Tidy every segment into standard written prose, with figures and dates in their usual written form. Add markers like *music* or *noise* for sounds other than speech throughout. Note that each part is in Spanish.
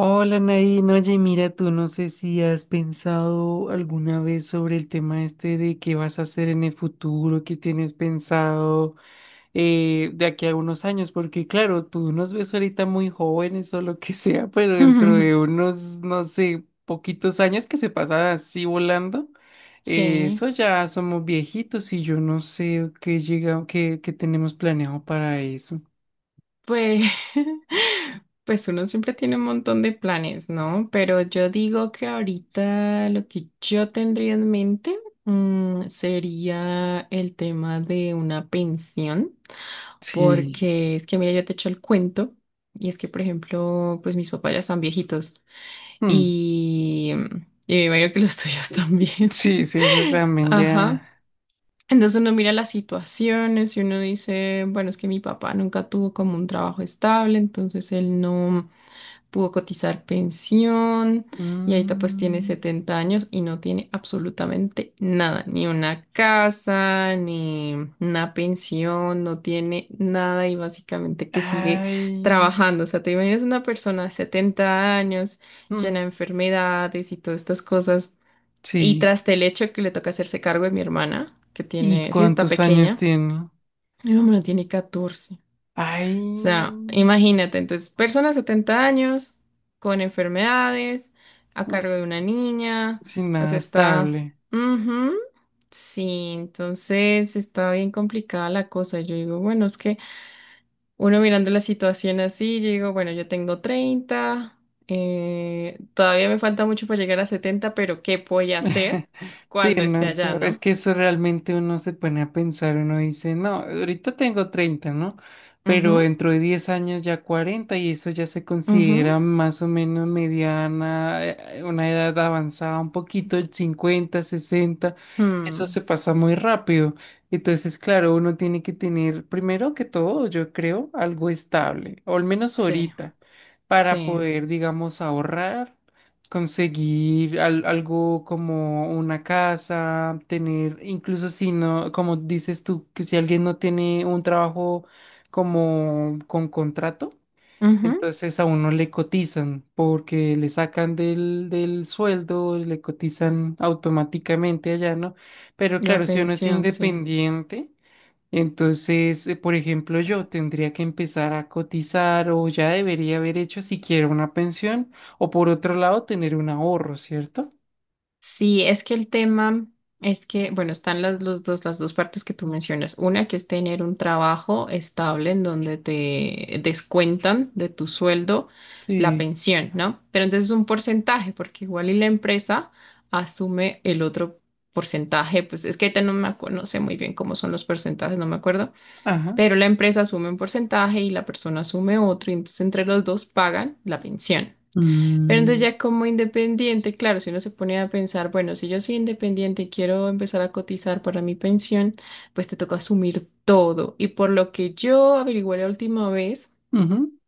Hola Nadine, oye, mira, tú no sé si has pensado alguna vez sobre el tema este de qué vas a hacer en el futuro, qué tienes pensado de aquí a unos años, porque claro, tú nos ves ahorita muy jóvenes o lo que *laughs* sea, pero dentro de *laughs* unos, no sé, poquitos años que se pasan así volando, Sí, eso ya somos viejitos y yo no sé qué llega, qué tenemos planeado para eso. pues, *laughs* pues uno siempre tiene un montón de planes, ¿no? Pero yo digo que ahorita lo que yo tendría en mente, sería el tema de una pensión, Sí. porque es que, mira, yo te echo el cuento, y es que, por ejemplo, pues mis papás ya están viejitos Mm. y me imagino que los tuyos también. Sí, sí, eso *laughs* también Ajá. ya. Entonces uno mira las situaciones y uno dice, bueno, es que mi papá nunca tuvo como un trabajo estable, entonces él no pudo cotizar pensión y ahorita pues tiene Mm, 70 años y no tiene absolutamente nada, ni una casa, ni una pensión, no tiene nada y básicamente que sigue ay, trabajando. O sea, te imaginas una persona de 70 años mm, llena de enfermedades y todas estas cosas y sí. tras el hecho que le toca hacerse cargo de mi hermana, que ¿Y tiene, sí, está cuántos años pequeña, tiene? mi hermana tiene 14. O Ay, sea, imagínate, entonces, persona de 70 años, con enfermedades, a mm, cargo de una niña, sin o nada sea, está... estable. Ujú. Sí, entonces está bien complicada la cosa. Yo digo, bueno, es que uno mirando la situación así, yo digo, bueno, yo tengo 30, todavía me falta mucho para llegar a 70, pero ¿qué voy a hacer *laughs* Sí, cuando no, esté allá, es no? que eso realmente uno se pone a pensar, uno dice, no, ahorita tengo 30, ¿no? Pero Ujú, dentro de 10 años ya 40 y eso ya se ujú, considera más o menos mediana, una edad avanzada, un poquito, el 50, 60, eso se mm, pasa muy rápido. Entonces, claro, uno tiene que tener, primero que todo, yo creo, algo estable, o al menos sí, ahorita, para sí. poder, digamos, ahorrar conseguir algo como una casa, tener, incluso si no, como dices tú, que si alguien no tiene un trabajo como con contrato, Ujú, entonces a uno le cotizan porque le sacan del sueldo, le cotizan automáticamente allá, ¿no? Pero la claro, si uno es pensión, sí. independiente. Entonces, por ejemplo, yo tendría que empezar a cotizar o ya debería haber hecho siquiera una pensión o por otro lado tener un ahorro, ¿cierto? Sí, es que el tema es que, bueno, están las dos partes que tú mencionas. Una que es tener un trabajo estable en donde te descuentan de tu sueldo la Sí. pensión, ¿no? Pero entonces es un porcentaje, porque igual y la empresa asume el otro porcentaje, pues es que ahorita no me acuerdo, no sé muy bien cómo son los porcentajes, no me acuerdo, Ajá. pero la empresa asume un porcentaje y la persona asume otro, y entonces entre los dos pagan la pensión. Pero entonces Mm. ya como independiente, claro, si uno se pone a pensar, bueno, si yo soy independiente y quiero empezar a cotizar para mi pensión, pues te toca asumir todo. Y por lo que yo averigüé la última vez, Ujú.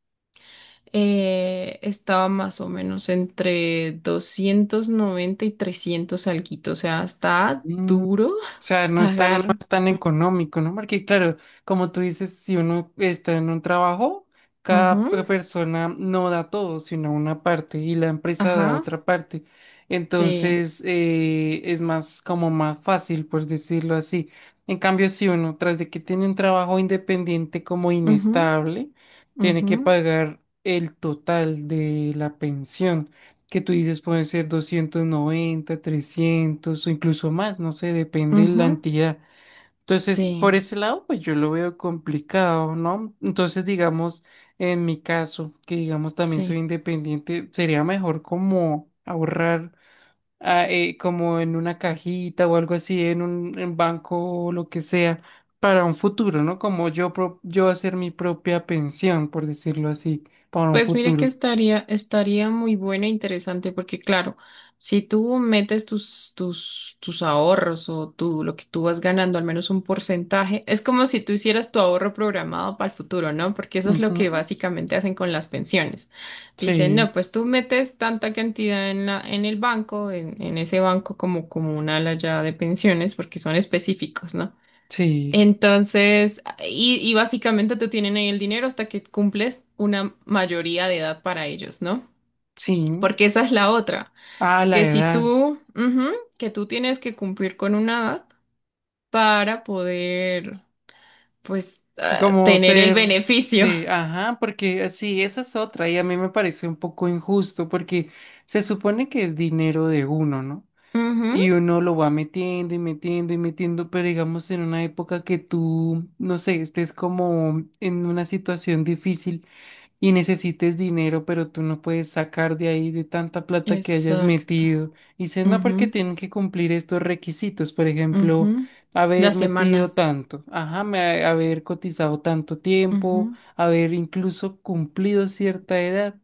estaba más o menos entre 290 y 300 alguito, o sea, está duro O sea, no pagar. es tan económico, ¿no? Porque claro, como tú dices, si uno está en un trabajo, cada Ujú, persona no da todo, sino una parte y la empresa da ajá, otra parte. sí. Entonces, es más como más fácil, por decirlo así. En cambio, si uno, tras de que tiene un trabajo independiente como Ujú, inestable, tiene que ujú. pagar el total de la pensión que tú dices pueden ser 290 300 o incluso más, no sé, depende de la Ujú, entidad. Entonces, sí, por ese lado, pues yo lo veo complicado, ¿no? Entonces, digamos, en mi caso, que digamos también sí. soy independiente, sería mejor como ahorrar como en una cajita o algo así, en un en banco o lo que sea, para un futuro, ¿no? Como yo, yo hacer mi propia pensión, por decirlo así, para un Pues mire que futuro. estaría muy buena e interesante porque claro, si tú metes tus ahorros o tú, lo que tú vas ganando, al menos un porcentaje, es como si tú hicieras tu ahorro programado para el futuro, ¿no? Porque eso es lo que Ujú. básicamente hacen con las pensiones. Dicen, Sí, no, pues tú metes tanta cantidad en en el banco, en ese banco como un ala ya de pensiones, porque son específicos, ¿no? sí. Entonces, y básicamente te tienen ahí el dinero hasta que cumples una mayoría de edad para ellos, ¿no? Sí, Porque esa es la otra, a la que si edad, tú, ujú, que tú tienes que cumplir con una edad para poder, pues, ah, como tener el ser, beneficio. sí, ajá, porque sí, esa es otra y a mí me parece un poco injusto porque se supone que es dinero de uno, ¿no? *laughs* Ujú. Y uno lo va metiendo y metiendo y metiendo, pero digamos en una época que tú, no sé, estés como en una situación difícil y necesites dinero, pero tú no puedes sacar de ahí de tanta plata que hayas Exacto. metido. Y dices, no, porque Ujú, tienen que cumplir estos requisitos, por ejemplo, ujú. haber Las metido semanas. tanto, ajá, haber cotizado tanto tiempo, Ujú, haber incluso cumplido cierta edad.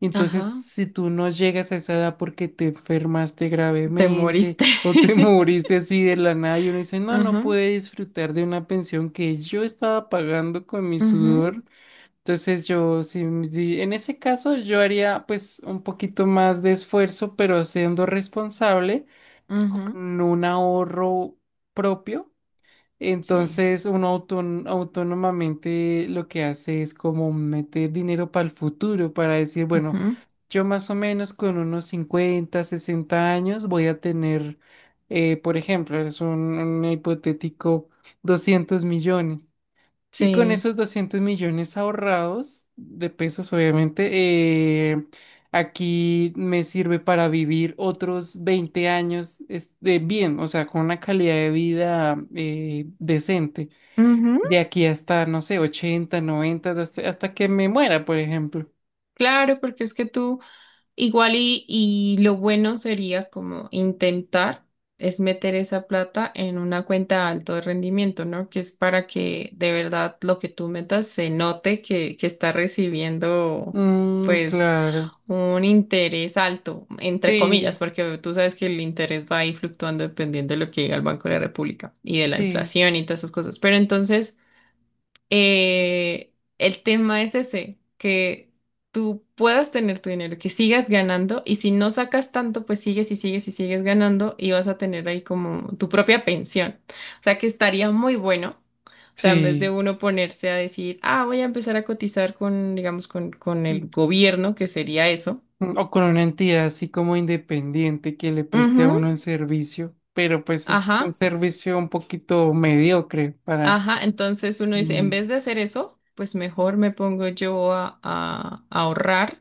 Entonces, ajá. si tú no llegas a esa edad porque te enfermaste Te gravemente moriste. o te *laughs* *laughs* moriste así de la nada y uno dice, no, no Ajá. puede disfrutar de una pensión que yo estaba pagando con mi Ujú, sudor. Entonces yo, sí, en ese caso yo haría pues un poquito más de esfuerzo, pero siendo responsable ujú, con un ahorro propio. sí. Entonces uno autónomamente lo que hace es como meter dinero para el futuro, para decir, bueno, Ujú, yo más o menos con unos 50 60 años voy a tener, por ejemplo, un hipotético 200 millones. Y con sí. esos 200 millones ahorrados de pesos, obviamente, aquí me sirve para vivir otros 20 años este, bien, o sea, con una calidad de vida decente. Ujú, De aquí hasta, no sé, 80 90 hasta que me muera, por ejemplo. claro, porque es que tú igual y lo bueno sería como intentar es meter esa plata en una cuenta de alto de rendimiento, ¿no? Que es para que de verdad lo que tú metas se note que está recibiendo Mm, pues claro. un interés alto, entre comillas, Sí, porque tú sabes que el interés va ahí fluctuando dependiendo de lo que diga el Banco de la República y de la sí, inflación y todas esas cosas. Pero entonces... Eh, el tema es ese, que tú puedas tener tu dinero, que sigas ganando y si no sacas tanto, pues sigues y sigues y sigues ganando y vas a tener ahí como tu propia pensión. O sea que estaría muy bueno. O sea, en vez de sí. uno ponerse a decir, ah, voy a empezar a cotizar con, digamos, con el gobierno, que sería eso. O con una entidad así como independiente que le preste a Ujú, uno el servicio, pero pues es un ajá, servicio un poquito mediocre para... ajá. Entonces uno dice, en Mm. vez de hacer eso, pues mejor me pongo yo a ahorrar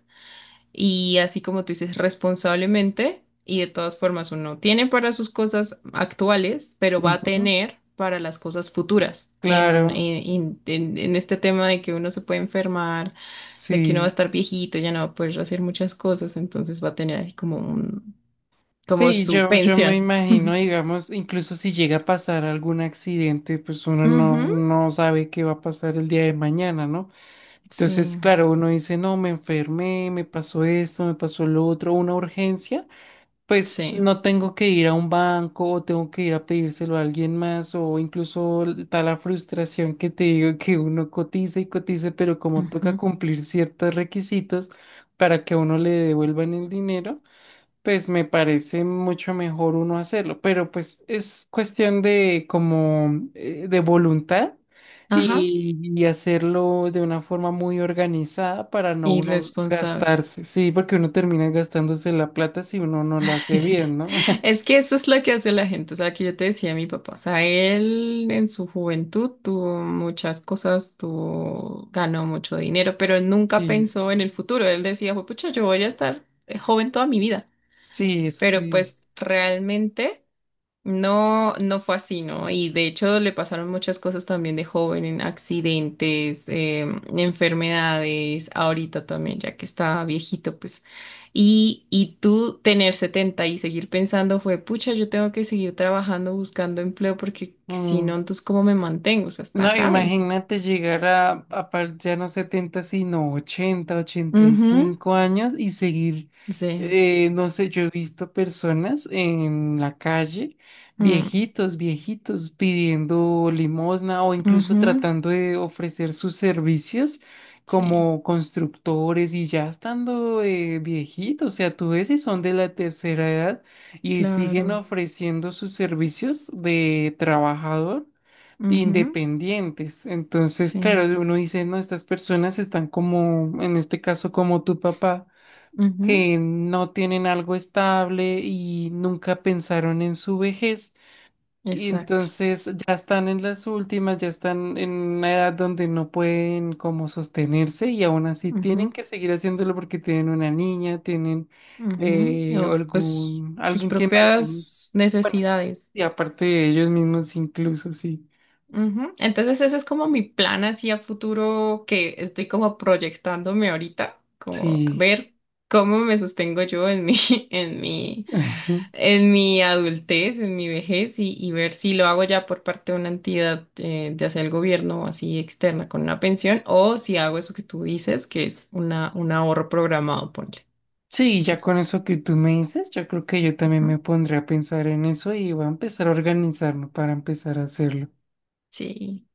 y así como tú dices, responsablemente y de todas formas uno tiene para sus cosas actuales, pero va a Ujú. tener para las cosas futuras. En, un- Claro, en este tema de que uno se puede enfermar, de que uno va a sí. estar viejito, ya no va a poder hacer muchas cosas, entonces va a tener ahí como Sí, su yo me pensión. imagino, digamos, incluso si llega a pasar algún accidente, pues uno Ujú, no sabe qué va a pasar el día de mañana, ¿no? Entonces, sí, claro, uno dice, no, me enfermé, me pasó esto, me pasó lo otro, una urgencia. Pues sí. no tengo que ir a un banco o tengo que ir a pedírselo a alguien más o incluso está la frustración que te digo que uno cotiza y cotiza, pero como toca Ujú, cumplir ciertos requisitos para que a uno le devuelvan el dinero pues me parece mucho mejor uno hacerlo, pero pues es cuestión de como de voluntad ajá. Y hacerlo de una forma muy organizada para no uno Irresponsable. gastarse, sí, porque uno termina gastándose la plata si uno no lo hace *laughs* bien, ¿no? *laughs* Es que eso es lo que hace la gente, o sea, que yo te decía mi papá, o sea, él en su juventud tuvo muchas cosas, ganó mucho dinero, pero él nunca Sí, pensó en el futuro, él decía, pucha, yo voy a estar joven toda mi vida, sí, eso pero sí. pues realmente... No, no fue así, ¿no? Y de hecho le pasaron muchas cosas también de joven, en accidentes, enfermedades, ahorita también, ya que está viejito, pues. Y tú tener 70 y seguir pensando fue, pucha, yo tengo que seguir trabajando, buscando empleo, porque si no, Mm. entonces, ¿cómo me mantengo? O sea, está No, grave. imagínate llegar a ya no 70 sino 80 ochenta y Ujú, cinco años y seguir, sí. No sé, yo he visto personas en la calle, Mm, viejitos, viejitos, pidiendo limosna o incluso ujú, tratando de ofrecer sus servicios sí, como constructores y ya estando viejitos, o sea, tú ves y son de la tercera edad y siguen claro. ofreciendo sus servicios de trabajador Ujú, independientes. Entonces, sí. claro, uno dice, no, estas personas están como, en este caso, como tu papá, Ujú, que no tienen algo estable y nunca pensaron en su vejez. Y exacto. entonces ya están en las últimas, ya están en una edad donde no pueden como sostenerse y aún así tienen que seguir haciéndolo porque tienen una niña, tienen Ujú, o pues sus alguien que mantener. propias Bueno, necesidades. y aparte de ellos mismos incluso, sí, Ujú. Entonces ese es como mi plan así a futuro que estoy como proyectándome ahorita, como sí. ver cómo me sostengo yo en mi, *laughs* en mi, *laughs* Ujú. en mi adultez, en mi vejez y ver si lo hago ya por parte de una entidad, ya sea el gobierno o así externa con una pensión o si hago eso que tú dices, que es un ahorro programado, ponle. Sí, ya Entonces, con eso que tú me dices, yo creo que yo también ujú, me pondré a pensar en eso y voy a empezar a organizarme para empezar a hacerlo. sí.